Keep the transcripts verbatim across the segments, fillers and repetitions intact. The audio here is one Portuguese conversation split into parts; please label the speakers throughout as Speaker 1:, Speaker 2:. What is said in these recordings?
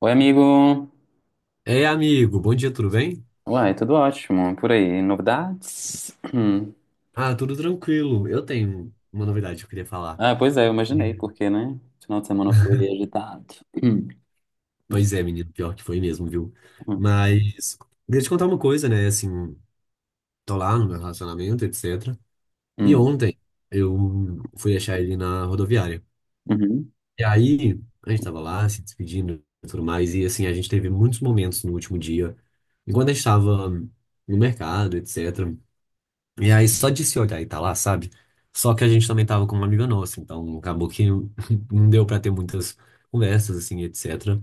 Speaker 1: Oi, amigo.
Speaker 2: Ei, amigo, bom dia, tudo bem?
Speaker 1: Uai, tudo ótimo. Por aí, novidades? Hum.
Speaker 2: Ah, tudo tranquilo. Eu tenho uma novidade que eu queria falar.
Speaker 1: Ah, pois é, eu imaginei, porque, né? Final de semana foi agitado. Hum,
Speaker 2: Pois é, menino, pior que foi mesmo, viu?
Speaker 1: hum,
Speaker 2: Mas queria te contar uma coisa, né? Assim, tô lá no meu relacionamento, etcétera. E
Speaker 1: hum,
Speaker 2: ontem eu fui achar ele na rodoviária.
Speaker 1: uhum.
Speaker 2: E aí, a gente tava lá se despedindo e tudo mais. E assim, a gente teve muitos momentos no último dia, enquanto a gente tava no mercado, etcétera. E aí, só de se olhar e tá lá, sabe? Só que a gente também tava com uma amiga nossa, então acabou que não deu pra ter muitas conversas, assim, etcétera.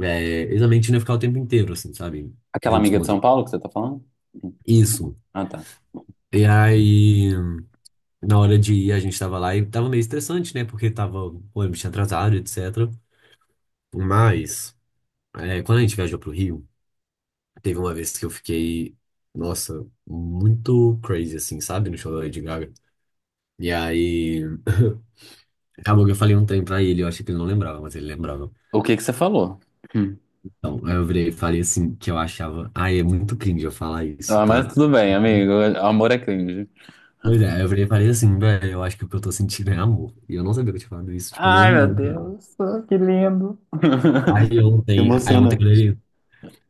Speaker 2: É, exatamente, ia ficar o tempo inteiro, assim, sabe?
Speaker 1: Aquela
Speaker 2: Juntos
Speaker 1: amiga
Speaker 2: com
Speaker 1: de
Speaker 2: outra.
Speaker 1: São Paulo que você tá falando? Hum.
Speaker 2: Isso.
Speaker 1: Ah, tá.
Speaker 2: E aí, na hora de ir, a gente tava lá e tava meio estressante, né? Porque tava, o ônibus tinha atrasado, etcétera. Mas, é, quando a gente viajou pro Rio, teve uma vez que eu fiquei, nossa, muito crazy, assim, sabe? No show da Lady Gaga. E aí. Acabou que eu falei um ontem pra ele, eu achei que ele não lembrava, mas ele lembrava.
Speaker 1: O que que você falou? Hum.
Speaker 2: Então, aí eu virei e falei assim, que eu achava. Ai, é muito cringe eu falar isso,
Speaker 1: Ah, mas
Speaker 2: tá?
Speaker 1: tudo bem, amigo. Amor é cringe.
Speaker 2: Pois é, aí eu virei e falei assim, velho, eu acho que o que eu tô sentindo é amor. E eu não sabia que eu tinha falado isso, tipo, não,
Speaker 1: Ai, meu
Speaker 2: não.
Speaker 1: Deus, que lindo.
Speaker 2: Aí ontem, aí ontem
Speaker 1: Emocionante.
Speaker 2: quando ele.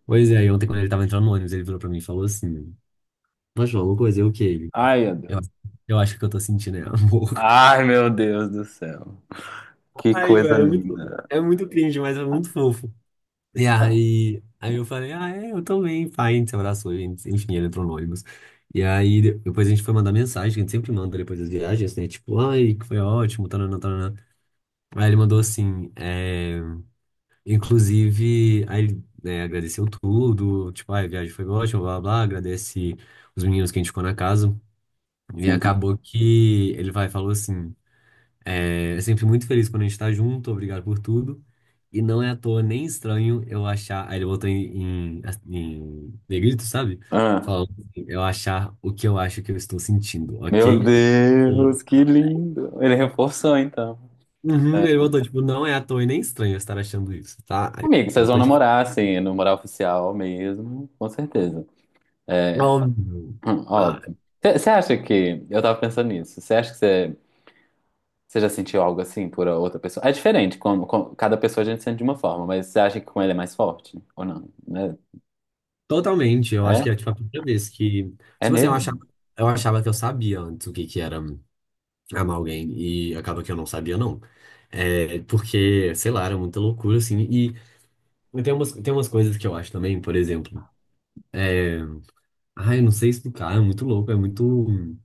Speaker 2: Pois é, aí ontem quando ele tava entrando no ônibus, ele virou pra mim e falou assim: mas, João, alguma coisa, eu o que ele?
Speaker 1: Ai, meu
Speaker 2: Eu,
Speaker 1: Deus.
Speaker 2: eu acho que o que eu tô sentindo é amor.
Speaker 1: Ai, meu Deus do céu. Que
Speaker 2: Ai,
Speaker 1: coisa
Speaker 2: velho, é muito,
Speaker 1: linda.
Speaker 2: é muito cringe, mas é muito fofo. E aí, aí eu falei, ah, é, eu também, pai, a gente se abraçou, a gente- enfim, ele entrou no ônibus. E aí, de- depois a gente foi mandar mensagem, que a gente sempre manda depois das viagens, né? Tipo, ai, que foi ótimo, tanana, tanana. Aí ele mandou assim, é, inclusive, aí ele, né, agradeceu tudo, tipo, ai, a viagem foi ótima, blá, blá, blá, agradece os meninos que a gente ficou na casa. E
Speaker 1: Sim.
Speaker 2: acabou que ele vai, falou assim. É sempre muito feliz quando a gente tá junto, obrigado por tudo. E não é à toa nem estranho eu achar. Aí ele botou em, em, em negrito, sabe?
Speaker 1: Ah.
Speaker 2: Falando assim, eu achar o que eu acho que eu estou sentindo,
Speaker 1: Meu
Speaker 2: ok? E-
Speaker 1: Deus, que lindo. Ele reforçou, então.
Speaker 2: uhum,
Speaker 1: É.
Speaker 2: ele botou, tipo, não é à toa e nem estranho eu estar achando isso, tá? Aí
Speaker 1: Amigo,
Speaker 2: eu
Speaker 1: vocês vão
Speaker 2: tô tipo,
Speaker 1: namorar, assim, namorar oficial mesmo, com certeza.
Speaker 2: óbvio.
Speaker 1: Hum.
Speaker 2: Ah,
Speaker 1: Óbvio. Você acha que. Eu tava pensando nisso. Você acha que você. Já sentiu algo assim por outra pessoa? É diferente, como, como- cada pessoa a gente sente de uma forma, mas você acha que com ele é mais forte? Ou não? Né?
Speaker 2: totalmente, eu acho
Speaker 1: É?
Speaker 2: que é tipo a primeira vez que.
Speaker 1: É
Speaker 2: Tipo assim, eu achava,
Speaker 1: mesmo?
Speaker 2: eu achava que eu sabia antes o que que era amar alguém e acaba que eu não sabia não. É, porque, sei lá, era muita loucura assim. E tem umas, tem umas coisas que eu acho também, por exemplo, ah, eu não sei explicar, é muito louco, é muito.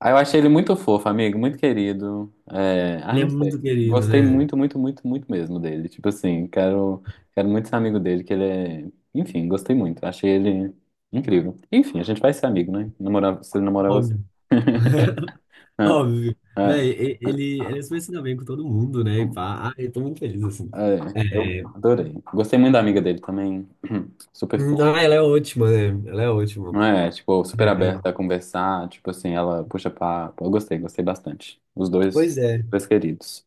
Speaker 1: Ah, eu achei ele muito fofo, amigo, muito querido. É, ah,
Speaker 2: Ele é
Speaker 1: não sei.
Speaker 2: muito querido,
Speaker 1: Gostei
Speaker 2: né?
Speaker 1: muito, muito, muito, muito mesmo dele. Tipo assim, quero, quero muito ser amigo dele, que ele é. Enfim, gostei muito. Achei ele incrível. Enfim, a gente vai ser amigo, né? Namorar, se ele namorar você.
Speaker 2: Óbvio,
Speaker 1: Ah,
Speaker 2: óbvio.
Speaker 1: ah,
Speaker 2: Véi, e- ele, ele é super se dá bem com todo mundo, né? E pá, ah, eu tô muito feliz assim.
Speaker 1: ah, é, eu
Speaker 2: É,
Speaker 1: adorei. Gostei muito da amiga dele também. Super fofa.
Speaker 2: não, ela é ótima, né? Ela é ótima.
Speaker 1: Não é? Tipo, super
Speaker 2: É,
Speaker 1: aberta a conversar. Tipo assim, ela puxa papo. Eu gostei, gostei bastante. Os dois,
Speaker 2: pois é.
Speaker 1: dois queridos.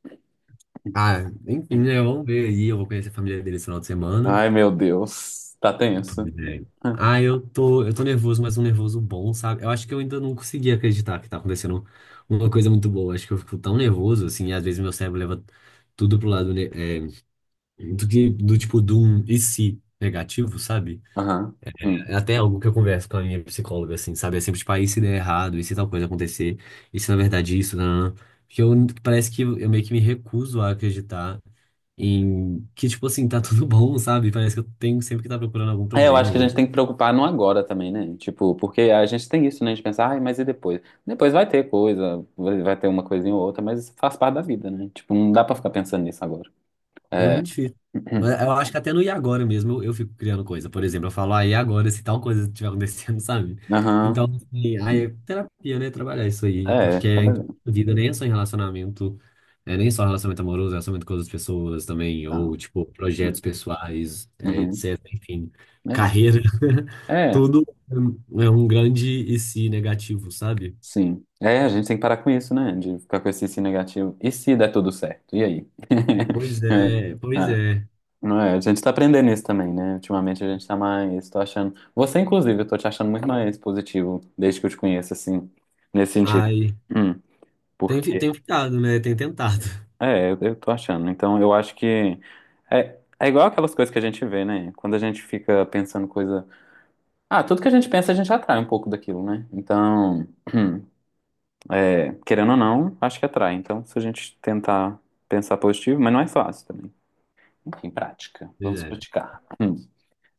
Speaker 2: Ah, enfim, né? Vamos ver aí. Eu vou conhecer a família dele esse final de semana.
Speaker 1: Ai, meu Deus. Tá tenso.
Speaker 2: Pois é. Ah, eu tô, eu tô nervoso, mas um nervoso bom, sabe? Eu acho que eu ainda não consegui acreditar que tá acontecendo uma coisa muito boa. Acho que eu fico tão nervoso, assim, e às vezes meu cérebro leva tudo pro lado, né, é, do que, do tipo, do um e se negativo, sabe?
Speaker 1: Aham. Hum.
Speaker 2: É até algo que eu converso com a minha psicóloga, assim, sabe? É sempre, tipo, ah, e se der errado, e se tal coisa acontecer, e se na verdade isso, não, porque eu, parece que eu meio que me recuso a acreditar em que, tipo assim, tá tudo bom, sabe? Parece que eu tenho sempre que tá procurando algum
Speaker 1: É, eu acho
Speaker 2: problema.
Speaker 1: que a gente tem que preocupar no agora também, né? Tipo, porque a gente tem isso, né? A gente pensa, ai, mas e depois? Depois vai ter coisa, vai vai ter uma coisinha ou outra, mas isso faz parte da vida, né? Tipo, não dá pra ficar pensando nisso agora.
Speaker 2: É
Speaker 1: É.
Speaker 2: muito difícil. Mas eu acho que até no e agora mesmo eu, eu fico criando coisa. Por exemplo, eu falo, ah, e agora se tal coisa estiver acontecendo, sabe? Então,
Speaker 1: Aham.
Speaker 2: assim, aí é terapia, né? Trabalhar isso aí.
Speaker 1: É,
Speaker 2: Porque é em tudo
Speaker 1: trabalhando.
Speaker 2: na vida nem é só em relacionamento, é nem só relacionamento amoroso, é relacionamento com outras pessoas também,
Speaker 1: Tá.
Speaker 2: ou, tipo, projetos pessoais, é,
Speaker 1: Uhum.
Speaker 2: etcétera. Enfim, carreira.
Speaker 1: É, é,
Speaker 2: Tudo é um grande e se negativo, sabe?
Speaker 1: sim. É, a gente tem que parar com isso, né? De ficar com esse se negativo. E se der tudo certo? E aí?
Speaker 2: Pois
Speaker 1: É.
Speaker 2: é, pois
Speaker 1: Ah.
Speaker 2: é.
Speaker 1: Não é, a gente tá aprendendo isso também, né? Ultimamente a gente tá mais, tô achando. Você, inclusive, eu tô te achando muito mais positivo desde que eu te conheço, assim, nesse sentido.
Speaker 2: Ai,
Speaker 1: Hum,
Speaker 2: tem, fi-
Speaker 1: porque,
Speaker 2: tem ficado, né? Tem tentado.
Speaker 1: é, eu, eu tô achando. Então, eu acho que é, é igual aquelas coisas que a gente vê, né? Quando a gente fica pensando coisa. Ah, tudo que a gente pensa, a gente atrai um pouco daquilo, né? Então, é, querendo ou não, acho que atrai. Então, se a gente tentar pensar positivo, mas não é fácil também. Enfim, prática.
Speaker 2: Pois
Speaker 1: Vamos
Speaker 2: é.
Speaker 1: praticar. Hum.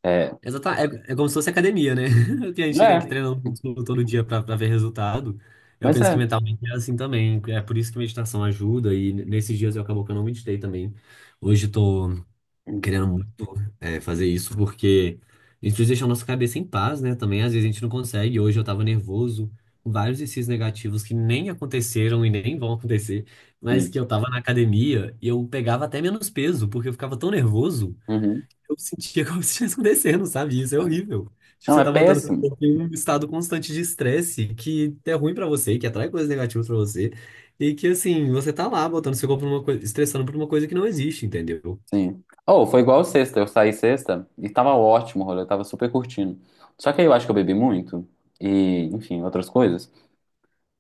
Speaker 1: É,
Speaker 2: Exatamente. É, é como se fosse academia, né? que a gente tem que
Speaker 1: é,
Speaker 2: treinar um músculo todo dia pra pra ver resultado. Eu
Speaker 1: mas
Speaker 2: penso que
Speaker 1: é.
Speaker 2: mentalmente é assim também. É por isso que meditação ajuda. E nesses dias eu acabou que eu não meditei também. Hoje eu tô querendo muito, é, fazer isso porque a gente precisa deixar a nossa cabeça em paz, né? Também às vezes a gente não consegue. Hoje eu tava nervoso. Vários desses negativos que nem aconteceram e nem vão acontecer, mas
Speaker 1: Sim.
Speaker 2: que eu tava na academia e eu pegava até menos peso, porque eu ficava tão nervoso
Speaker 1: Uhum.
Speaker 2: eu sentia como se estivesse acontecendo, sabe? Isso é
Speaker 1: É.
Speaker 2: horrível. Tipo,
Speaker 1: Não,
Speaker 2: você
Speaker 1: é
Speaker 2: tá botando seu
Speaker 1: péssimo.
Speaker 2: corpo em um estado constante de estresse que é ruim pra você, que atrai coisas negativas pra você, e que, assim, você tá lá botando seu corpo numa coisa, estressando por uma coisa que não existe, entendeu?
Speaker 1: Sim. Oh, foi igual sexta. Eu saí sexta e tava ótimo o rolê, eu tava super curtindo. Só que aí eu acho que eu bebi muito e, enfim, outras coisas.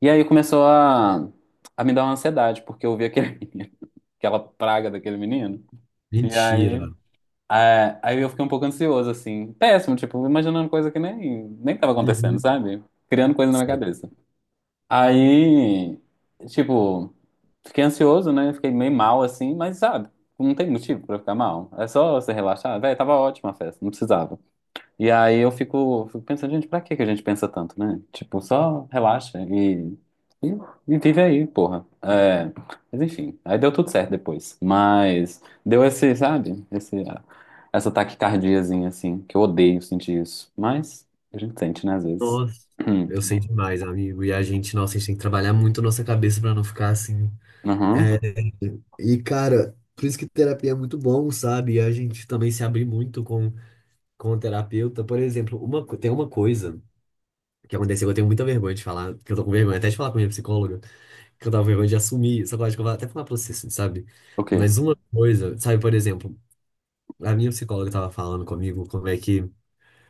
Speaker 1: E aí começou a, a me dar uma ansiedade, porque eu vi aquele, aquela praga daquele menino. E
Speaker 2: Mentira.
Speaker 1: aí, é, aí eu fiquei um pouco ansioso, assim. Péssimo, tipo, imaginando coisa que nem, nem tava acontecendo,
Speaker 2: Uhum.
Speaker 1: sabe? Criando coisa na minha
Speaker 2: Sei.
Speaker 1: cabeça. Aí, tipo, fiquei ansioso, né? Fiquei meio mal assim, mas sabe, não tem motivo pra ficar mal. É só você relaxar. Véi, tava ótima a festa, não precisava. E aí eu fico, fico pensando, gente, pra que que a gente pensa tanto, né? Tipo, só relaxa e, e, e vive aí, porra. É, mas enfim, aí deu tudo certo depois. Mas deu esse, sabe, esse, essa taquicardiazinha assim, que eu odeio sentir isso. Mas a gente sente, né, às vezes.
Speaker 2: Nossa, eu sei demais, amigo. E a gente, nossa, a gente tem que trabalhar muito a nossa cabeça pra não ficar assim.
Speaker 1: Uhum.
Speaker 2: E, cara, por isso que terapia é muito bom, sabe? E a gente também se abrir muito com, com o terapeuta. Por exemplo, uma, co- tem uma coisa. O que aconteceu, eu tenho muita vergonha de falar, que eu tô com vergonha até de falar com a minha psicóloga, que eu tava com vergonha de assumir, só que eu acho que eu vou até falar pra você, assim, sabe?
Speaker 1: O quê?
Speaker 2: Mas uma coisa, sabe, por exemplo, a minha psicóloga tava falando comigo como é que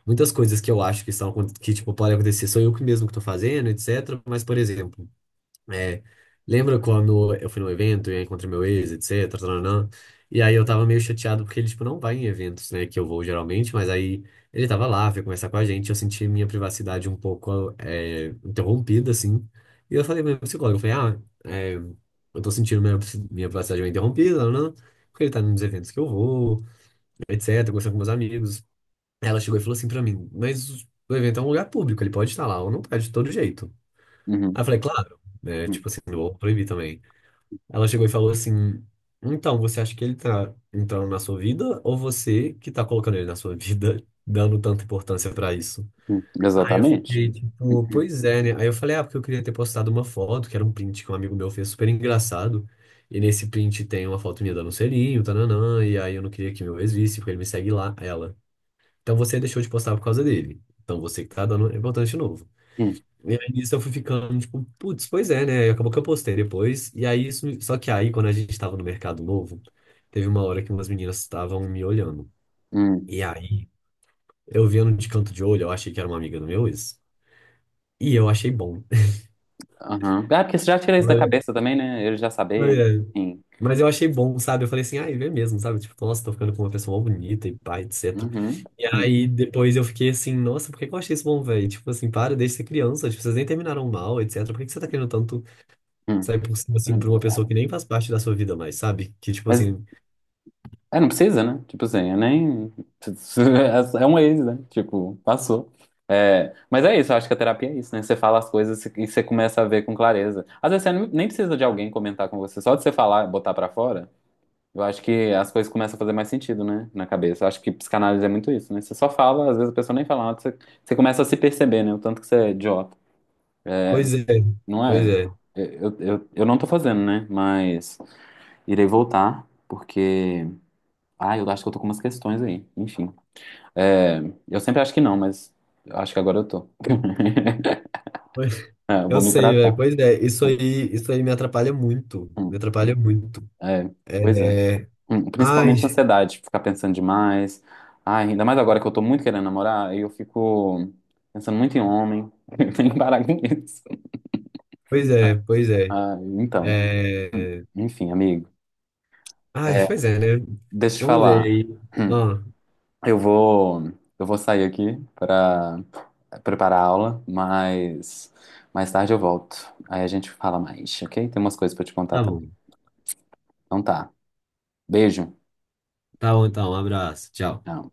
Speaker 2: muitas coisas que eu acho que estão, acon- que, tipo, podem acontecer, sou eu que mesmo que tô fazendo, etcétera. Mas, por exemplo, é, lembra quando eu fui num evento e aí encontrei meu ex, etc, tananã, e aí eu tava meio chateado porque ele, tipo, não vai em eventos, né, que eu vou geralmente, mas aí ele tava lá, veio conversar com a gente, eu senti minha privacidade um pouco é, interrompida, assim, e eu falei pra minha psicóloga, eu falei, ah, é, eu tô sentindo minha, minha privacidade meio interrompida, tananã, porque ele tá nos eventos que eu vou, etc, conversando com meus amigos. Ela chegou e falou assim pra mim, mas o evento é um lugar público, ele pode estar lá ou não pode, de todo jeito. Aí eu
Speaker 1: Uhum.
Speaker 2: falei, claro, né?
Speaker 1: Hum,
Speaker 2: Tipo assim, não vou proibir também. Ela chegou e falou assim: então, você acha que ele tá entrando na sua vida ou você que tá colocando ele na sua vida, dando tanta importância pra isso?
Speaker 1: hum,
Speaker 2: Aí eu
Speaker 1: exatamente.
Speaker 2: fiquei tipo,
Speaker 1: Hum,
Speaker 2: pois é, né? Aí eu falei, ah, porque eu queria ter postado uma foto, que era um print que um amigo meu fez super engraçado. E nesse print tem uma foto minha dando um selinho, tananã, e aí eu não queria que meu ex visse, porque ele me segue lá, ela. Então você deixou de postar por causa dele. Então você que tá dando importância de novo.
Speaker 1: hum,
Speaker 2: E aí nisso eu fui ficando, tipo, putz, pois é, né? E acabou que eu postei depois. E aí, isso, só que aí, quando a gente tava no mercado novo, teve uma hora que umas meninas estavam me olhando.
Speaker 1: hum,
Speaker 2: E aí, eu vendo de canto de olho, eu achei que era uma amiga do meu ex. E eu achei bom.
Speaker 1: aham. Ah, porque você já tira isso da cabeça também, né? Ele já
Speaker 2: Mas
Speaker 1: saber,
Speaker 2: é,
Speaker 1: enfim.
Speaker 2: mas eu achei bom, sabe? Eu falei assim, ai, vê mesmo, sabe? Tipo, nossa, tô ficando com uma pessoa mó bonita e pá, etcétera.
Speaker 1: Uhum,
Speaker 2: E
Speaker 1: hum,
Speaker 2: aí, depois eu fiquei assim, nossa, por que que eu achei isso bom, velho? Tipo assim, para, deixa de ser criança, tipo, vocês nem terminaram mal, etcétera. Por que que você tá querendo tanto
Speaker 1: hum.
Speaker 2: sai por cima, assim, pra uma pessoa que nem faz parte da sua vida mais, sabe? Que, tipo
Speaker 1: Mas
Speaker 2: assim,
Speaker 1: é, não precisa, né? Tipo assim, eu nem. É um ex, né? Tipo, passou. É, mas é isso, eu acho que a terapia é isso, né? Você fala as coisas e você começa a ver com clareza. Às vezes você nem precisa de alguém comentar com você, só de você falar, botar pra fora, eu acho que as coisas começam a fazer mais sentido, né? Na cabeça. Eu acho que psicanálise é muito isso, né? Você só fala, às vezes a pessoa nem fala nada, você, você começa a se perceber, né? O tanto que você é idiota.
Speaker 2: pois é,
Speaker 1: Não
Speaker 2: pois
Speaker 1: é?
Speaker 2: é.
Speaker 1: Eu, eu, eu não tô fazendo, né? Mas irei voltar, porque. Ah, eu acho que eu tô com umas questões aí. Enfim. É, eu sempre acho que não, mas eu acho que agora eu tô.
Speaker 2: pois-
Speaker 1: É, eu
Speaker 2: Eu
Speaker 1: vou me
Speaker 2: sei, velho,
Speaker 1: tratar.
Speaker 2: pois é. Isso aí, isso aí me atrapalha muito. Me
Speaker 1: Hum.
Speaker 2: atrapalha muito.
Speaker 1: É,
Speaker 2: É.
Speaker 1: pois é. Hum. Principalmente
Speaker 2: Ai,
Speaker 1: ansiedade, ficar pensando demais. Ai, ainda mais agora que eu tô muito querendo namorar, aí eu fico pensando muito em homem. Eu tenho que parar com isso.
Speaker 2: pois é, pois é.
Speaker 1: Ah, então, hum,
Speaker 2: É...
Speaker 1: enfim, amigo.
Speaker 2: Ai,
Speaker 1: É,
Speaker 2: pois é, né?
Speaker 1: deixa eu te
Speaker 2: Vamos ver
Speaker 1: falar.
Speaker 2: aí.
Speaker 1: Hum.
Speaker 2: Ó,
Speaker 1: Eu vou, eu vou sair aqui para preparar a aula, mas mais tarde eu volto. Aí a gente fala mais, ok? Tem umas coisas para te contar
Speaker 2: tá
Speaker 1: também.
Speaker 2: bom.
Speaker 1: Então tá. Beijo.
Speaker 2: Tá bom, então. Um abraço. Tchau.
Speaker 1: Tchau.